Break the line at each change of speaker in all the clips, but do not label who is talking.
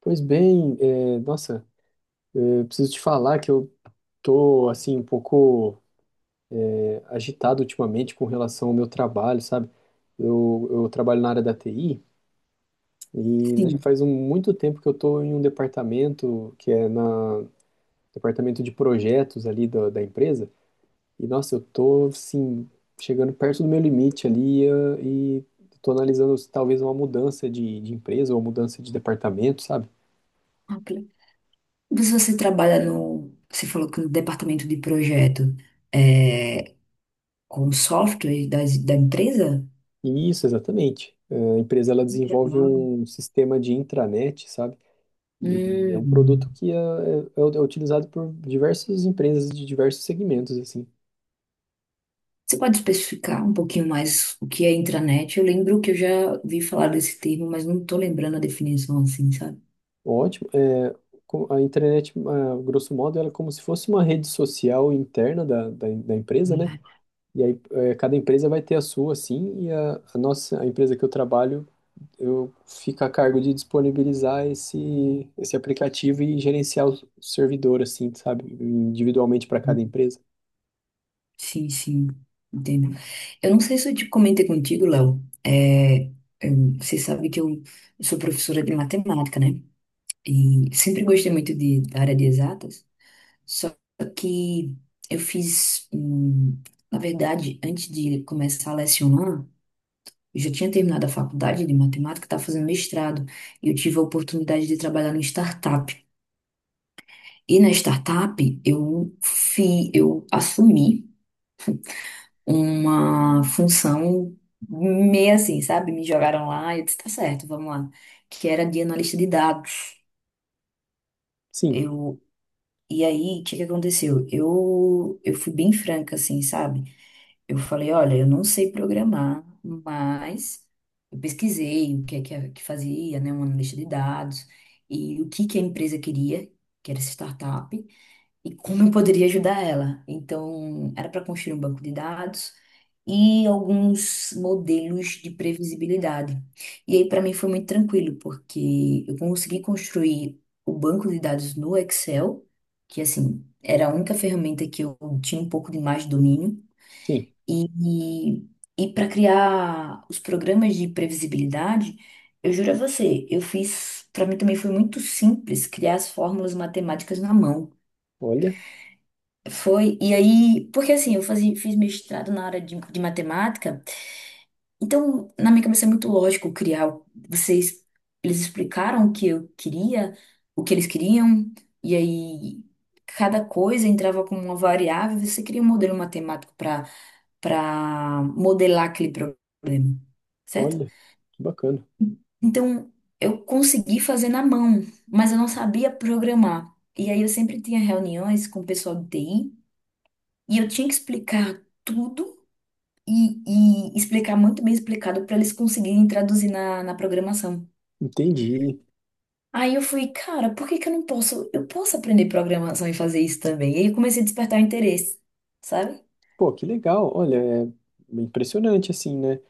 Pois bem, preciso te falar que eu tô assim um pouco agitado ultimamente com relação ao meu trabalho, sabe? Eu trabalho na área da TI e já
Sim.
faz muito tempo que eu tô em um departamento que é na departamento de projetos ali da empresa e nossa, eu tô assim chegando perto do meu limite ali e tô analisando se talvez uma mudança de empresa ou mudança de departamento, sabe?
Ok. Mas você trabalha no. Você falou que no departamento de projeto é, com o software das, da empresa?
Isso, exatamente. A empresa ela desenvolve
Não.
um sistema de intranet, sabe? E é um produto
Hum.
é utilizado por diversas empresas de diversos segmentos, assim.
Você pode especificar um pouquinho mais o que é intranet? Eu lembro que eu já vi falar desse termo, mas não estou lembrando a definição assim, sabe?
Ótimo. A intranet, a grosso modo, ela é como se fosse uma rede social interna da empresa, né?
Uhum.
E aí, cada empresa vai ter a sua, assim, e a nossa, a empresa que eu trabalho eu fico a cargo de disponibilizar esse aplicativo e gerenciar o servidor, assim, sabe? Individualmente para cada empresa.
Sim, sim, entendo. Eu não sei se eu te comentei contigo, Léo. Você sabe que eu sou professora de matemática, né? E sempre gostei muito de, da área de exatas. Só que eu fiz, na verdade, antes de começar a lecionar, eu já tinha terminado a faculdade de matemática, estava fazendo mestrado, e eu tive a oportunidade de trabalhar numa startup. E na startup, eu assumi uma função meio assim, sabe? Me jogaram lá e eu disse, tá certo, vamos lá. Que era de analista de dados.
Sim,
Eu, e aí, o que que aconteceu? Eu fui bem franca, assim, sabe? Eu falei, olha, eu não sei programar, mas eu pesquisei o que é que fazia, né, uma lista de dados e o que que a empresa queria, que era essa startup, e como eu poderia ajudar ela. Então, era para construir um banco de dados e alguns modelos de previsibilidade. E aí, para mim, foi muito tranquilo, porque eu consegui construir o banco de dados no Excel, que, assim, era a única ferramenta que eu tinha um pouco de mais domínio.
sim.
E, e para criar os programas de previsibilidade, eu juro a você, eu fiz, para mim também foi muito simples criar as fórmulas matemáticas na mão.
Olha,
Foi, e aí, porque assim, fiz mestrado na área de matemática, então na minha cabeça é muito lógico criar. Vocês, eles explicaram o que eu queria, o que eles queriam, e aí cada coisa entrava como uma variável, você cria um modelo matemático para para modelar aquele problema, certo?
olha, que bacana.
Então, eu consegui fazer na mão, mas eu não sabia programar. E aí eu sempre tinha reuniões com o pessoal de TI e eu tinha que explicar tudo e, e explicar muito bem explicado para eles conseguirem traduzir na programação.
Entendi.
Aí eu fui, cara, por que que eu não posso? Eu posso aprender programação e fazer isso também. E aí eu comecei a despertar o interesse, sabe?
Pô, que legal. Olha, é impressionante, assim, né?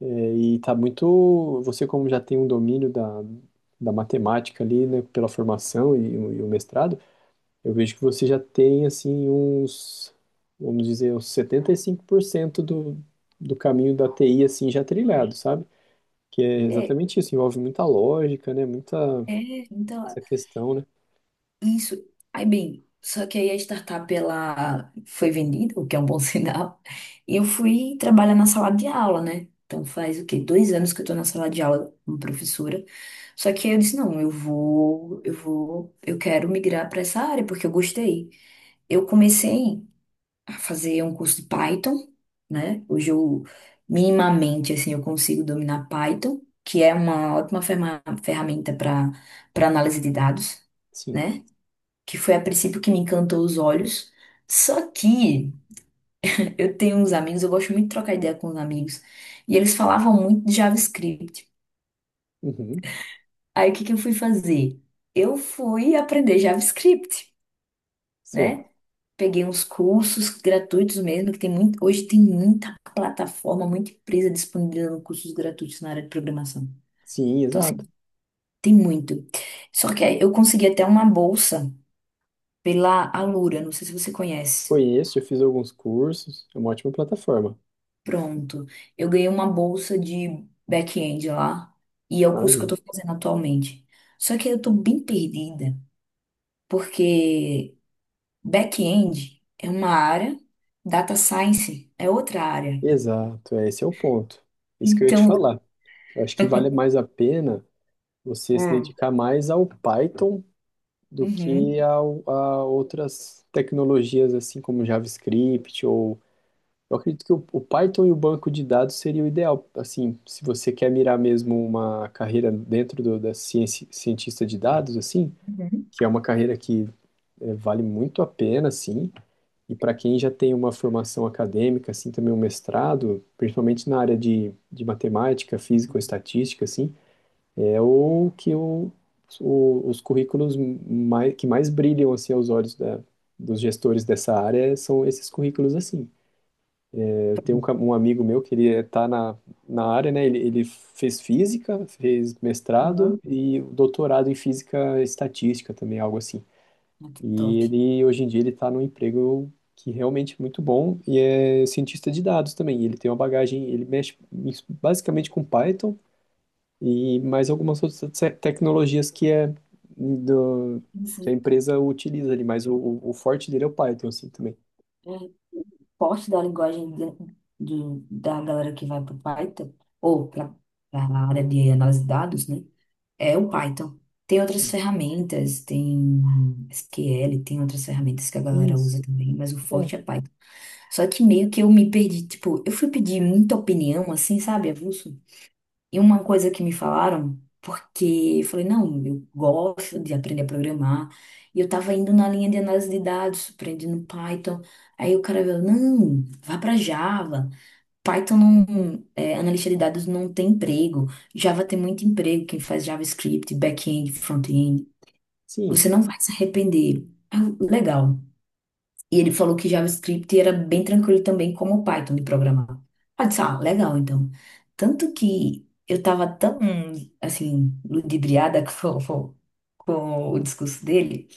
É, e tá muito. Você, como já tem um domínio da matemática ali, né, pela formação e, e o mestrado. Eu vejo que você já tem assim vamos dizer, uns 75% do caminho da TI assim já trilhado, sabe? Que é
É,
exatamente isso, envolve muita lógica, né? Muita
é, então,
essa questão, né?
Isso. Aí, bem, só que aí a startup ela foi vendida, o que é um bom sinal, e eu fui trabalhar na sala de aula, né? Então faz o quê? Dois anos que eu tô na sala de aula como professora. Só que aí eu disse, não, eu vou, eu quero migrar para essa área porque eu gostei. Eu comecei a fazer um curso de Python, né? Hoje eu minimamente assim eu consigo dominar Python, que é uma ótima ferramenta para para análise de dados,
Sim.
né? Que foi a princípio que me encantou os olhos. Só que eu tenho uns amigos, eu gosto muito de trocar ideia com os amigos, e eles falavam muito de JavaScript.
Uhum.
Aí o que que eu fui fazer? Eu fui aprender JavaScript,
Certo.
né? Peguei uns cursos gratuitos mesmo, que tem muito, hoje tem muita plataforma, muita empresa disponibilizando cursos gratuitos na área de programação.
Sim,
Então,
exato.
assim, tem muito. Só que aí eu consegui até uma bolsa pela Alura, não sei se você conhece.
Conheço, eu fiz alguns cursos, é uma ótima plataforma.
Pronto. Eu ganhei uma bolsa de back-end lá e é o curso que eu
Maravilha.
tô fazendo atualmente. Só que eu tô bem perdida, porque back-end é uma área, data science é outra área.
Exato, é, esse é o ponto. Isso que eu ia te
Então,
falar. Eu acho que vale mais a pena você se
Hum.
dedicar mais ao Python do
uhum,
que a outras tecnologias, assim como JavaScript ou. Eu acredito que o Python e o banco de dados seria o ideal. Assim, se você quer mirar mesmo uma carreira dentro do, da ciência, cientista de dados, assim,
uhum,
que é uma carreira que vale muito a pena, assim, e para quem já tem uma formação acadêmica, assim, também um mestrado, principalmente na área de matemática, física ou estatística, assim, é o que os currículos mais, que mais brilham assim aos olhos dos gestores dessa área são esses currículos assim. É, eu tenho um amigo meu que ele está na área, né? Ele fez física, fez mestrado
uhum,
e doutorado em física estatística também, algo assim.
ah, que top.
E ele hoje em dia ele está num emprego que realmente é muito bom e é cientista de dados também. Ele tem uma bagagem, ele mexe basicamente com Python e mais algumas outras tecnologias que é do,
Isso,
que a empresa utiliza ali, mas o forte dele é o Python, assim, também.
é, o porte da linguagem da galera que vai para o Python ou para a área de análise de dados, né? É o Python. Tem outras
Sim.
ferramentas, tem SQL, tem outras ferramentas que a galera usa
Isso.
também, mas o
É,
forte é Python. Só que meio que eu me perdi, tipo, eu fui pedir muita opinião, assim, sabe, avulso? E uma coisa que me falaram, porque eu falei, não, eu gosto de aprender a programar, e eu tava indo na linha de análise de dados, aprendendo Python, aí o cara veio, não, vá pra Java. Python não, é, analista de dados não tem emprego. Java tem muito emprego, quem faz JavaScript, back-end, front-end.
sim.
Você não vai se arrepender. Ah, legal. E ele falou que JavaScript era bem tranquilo também, como o Python de programar. Ah, eu disse, ah, legal, então. Tanto que eu estava tão, assim, ludibriada com o discurso dele,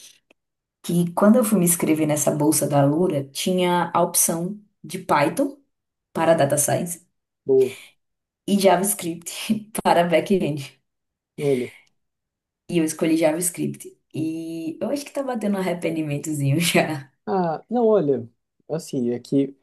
que quando eu fui me inscrever nessa bolsa da Alura, tinha a opção de Python para Data Science
Boa.
e JavaScript para back-end.
Olha.
E eu escolhi JavaScript. E eu acho que tá batendo um arrependimentozinho já.
Ah, não, olha, assim, é que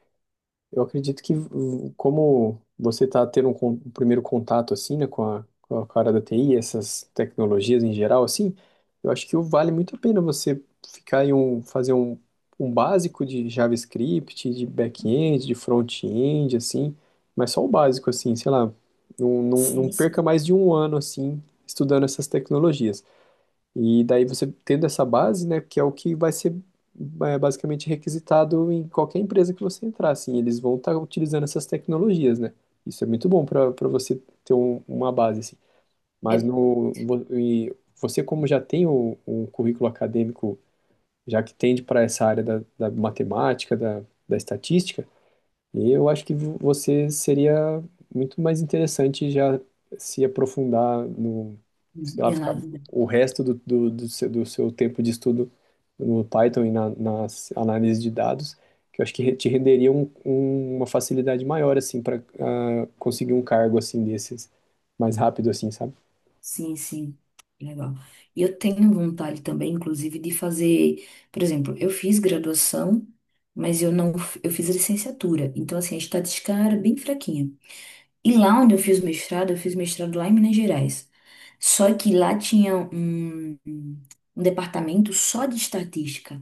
eu acredito que, como você está tendo um primeiro contato, assim, né, com com a cara da TI, essas tecnologias em geral, assim, eu acho que vale muito a pena você ficar em fazer um básico de JavaScript, de back-end, de front-end, assim, mas só o básico, assim, sei lá, não
Sim,
perca
sim.
mais de um ano, assim, estudando essas tecnologias. E daí você tendo essa base, né, que é o que vai ser basicamente requisitado em qualquer empresa que você entrar, assim, eles vão estar utilizando essas tecnologias, né? Isso é muito bom para para você ter uma base, assim. Mas no, vo- e você como já tem o currículo acadêmico, já que tende para essa área da matemática, da estatística, e eu acho que você seria muito mais interessante já se aprofundar no, sei lá,
É na
ficar
vida.
o resto do seu tempo de estudo no Python e nas análises de dados, que eu acho que te renderia uma facilidade maior, assim, para conseguir um cargo, assim, desses, mais rápido, assim, sabe?
Sim, sim. Legal. E eu tenho vontade também, inclusive, de fazer, por exemplo, eu fiz graduação, mas eu não, f- eu fiz licenciatura. Então, assim, a estatística era bem fraquinha. E lá onde eu fiz mestrado lá em Minas Gerais. Só que lá tinha um departamento só de estatística.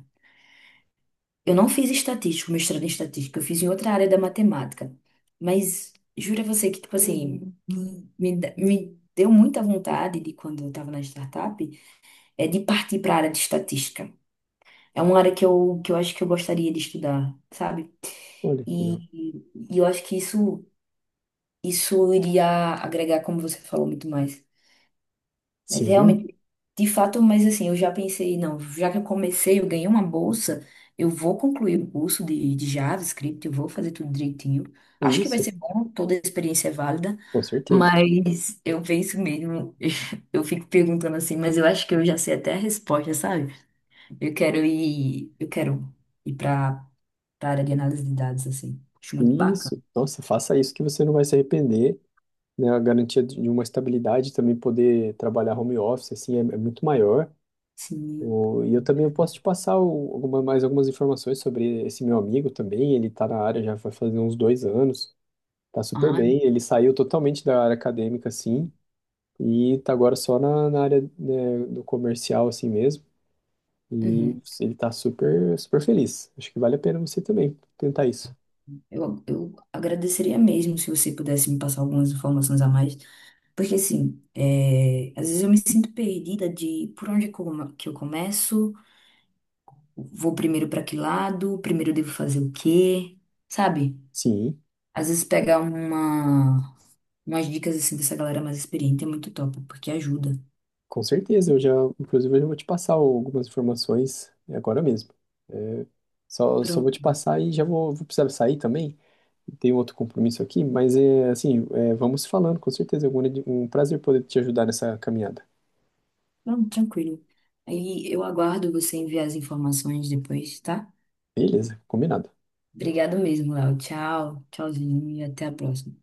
Eu não fiz estatística, o mestrado em estatística, eu fiz em outra área da matemática. Mas jura você que, tipo assim, me deu muita vontade de quando eu estava na startup, é de partir para a área de estatística. É uma área que que eu acho que eu gostaria de estudar, sabe?
Olha, que
E,
legal.
e eu acho que isso iria agregar, como você falou, muito mais. Mas
Sim,
realmente, de fato, mas assim, eu já pensei, não, já que eu comecei, eu ganhei uma bolsa, eu vou concluir o curso de JavaScript, eu vou fazer tudo direitinho. Acho que vai
isso,
ser bom, toda a experiência é válida,
com certeza.
mas eu penso mesmo, eu fico perguntando assim, mas eu acho que eu já sei até a resposta, sabe? Eu quero ir para a área de análise de dados, assim. Acho muito bacana.
Isso, nossa, faça isso que você não vai se arrepender. Né, a garantia de uma estabilidade, também poder trabalhar home office, assim, é, é muito maior.
Sim.
O, e eu também eu posso te passar alguma, mais algumas informações sobre esse meu amigo também, ele está na área já vai fazer uns 2 anos, tá super
Ah,
bem, ele saiu totalmente da área acadêmica, assim, e tá agora só na área, né, do comercial, assim mesmo, e
uhum.
ele tá super, super feliz. Acho que vale a pena você também tentar isso.
Eu agradeceria mesmo se você pudesse me passar algumas informações a mais. Porque assim, é, às vezes eu me sinto perdida de por onde que eu começo, vou primeiro para que lado, primeiro eu devo fazer o quê, sabe?
Sim.
Às vezes pegar umas dicas assim dessa galera mais experiente é muito top, porque ajuda.
Com certeza, inclusive, eu já vou te passar algumas informações é agora mesmo. É, só vou te
Pronto,
passar e vou precisar sair também. Tenho outro compromisso aqui, mas é assim, é, vamos falando, com certeza. É um um prazer poder te ajudar nessa caminhada.
pronto, tranquilo. Aí eu aguardo você enviar as informações depois, tá?
Beleza, combinado.
Obrigado mesmo, Léo. Tchau, tchauzinho e até a próxima.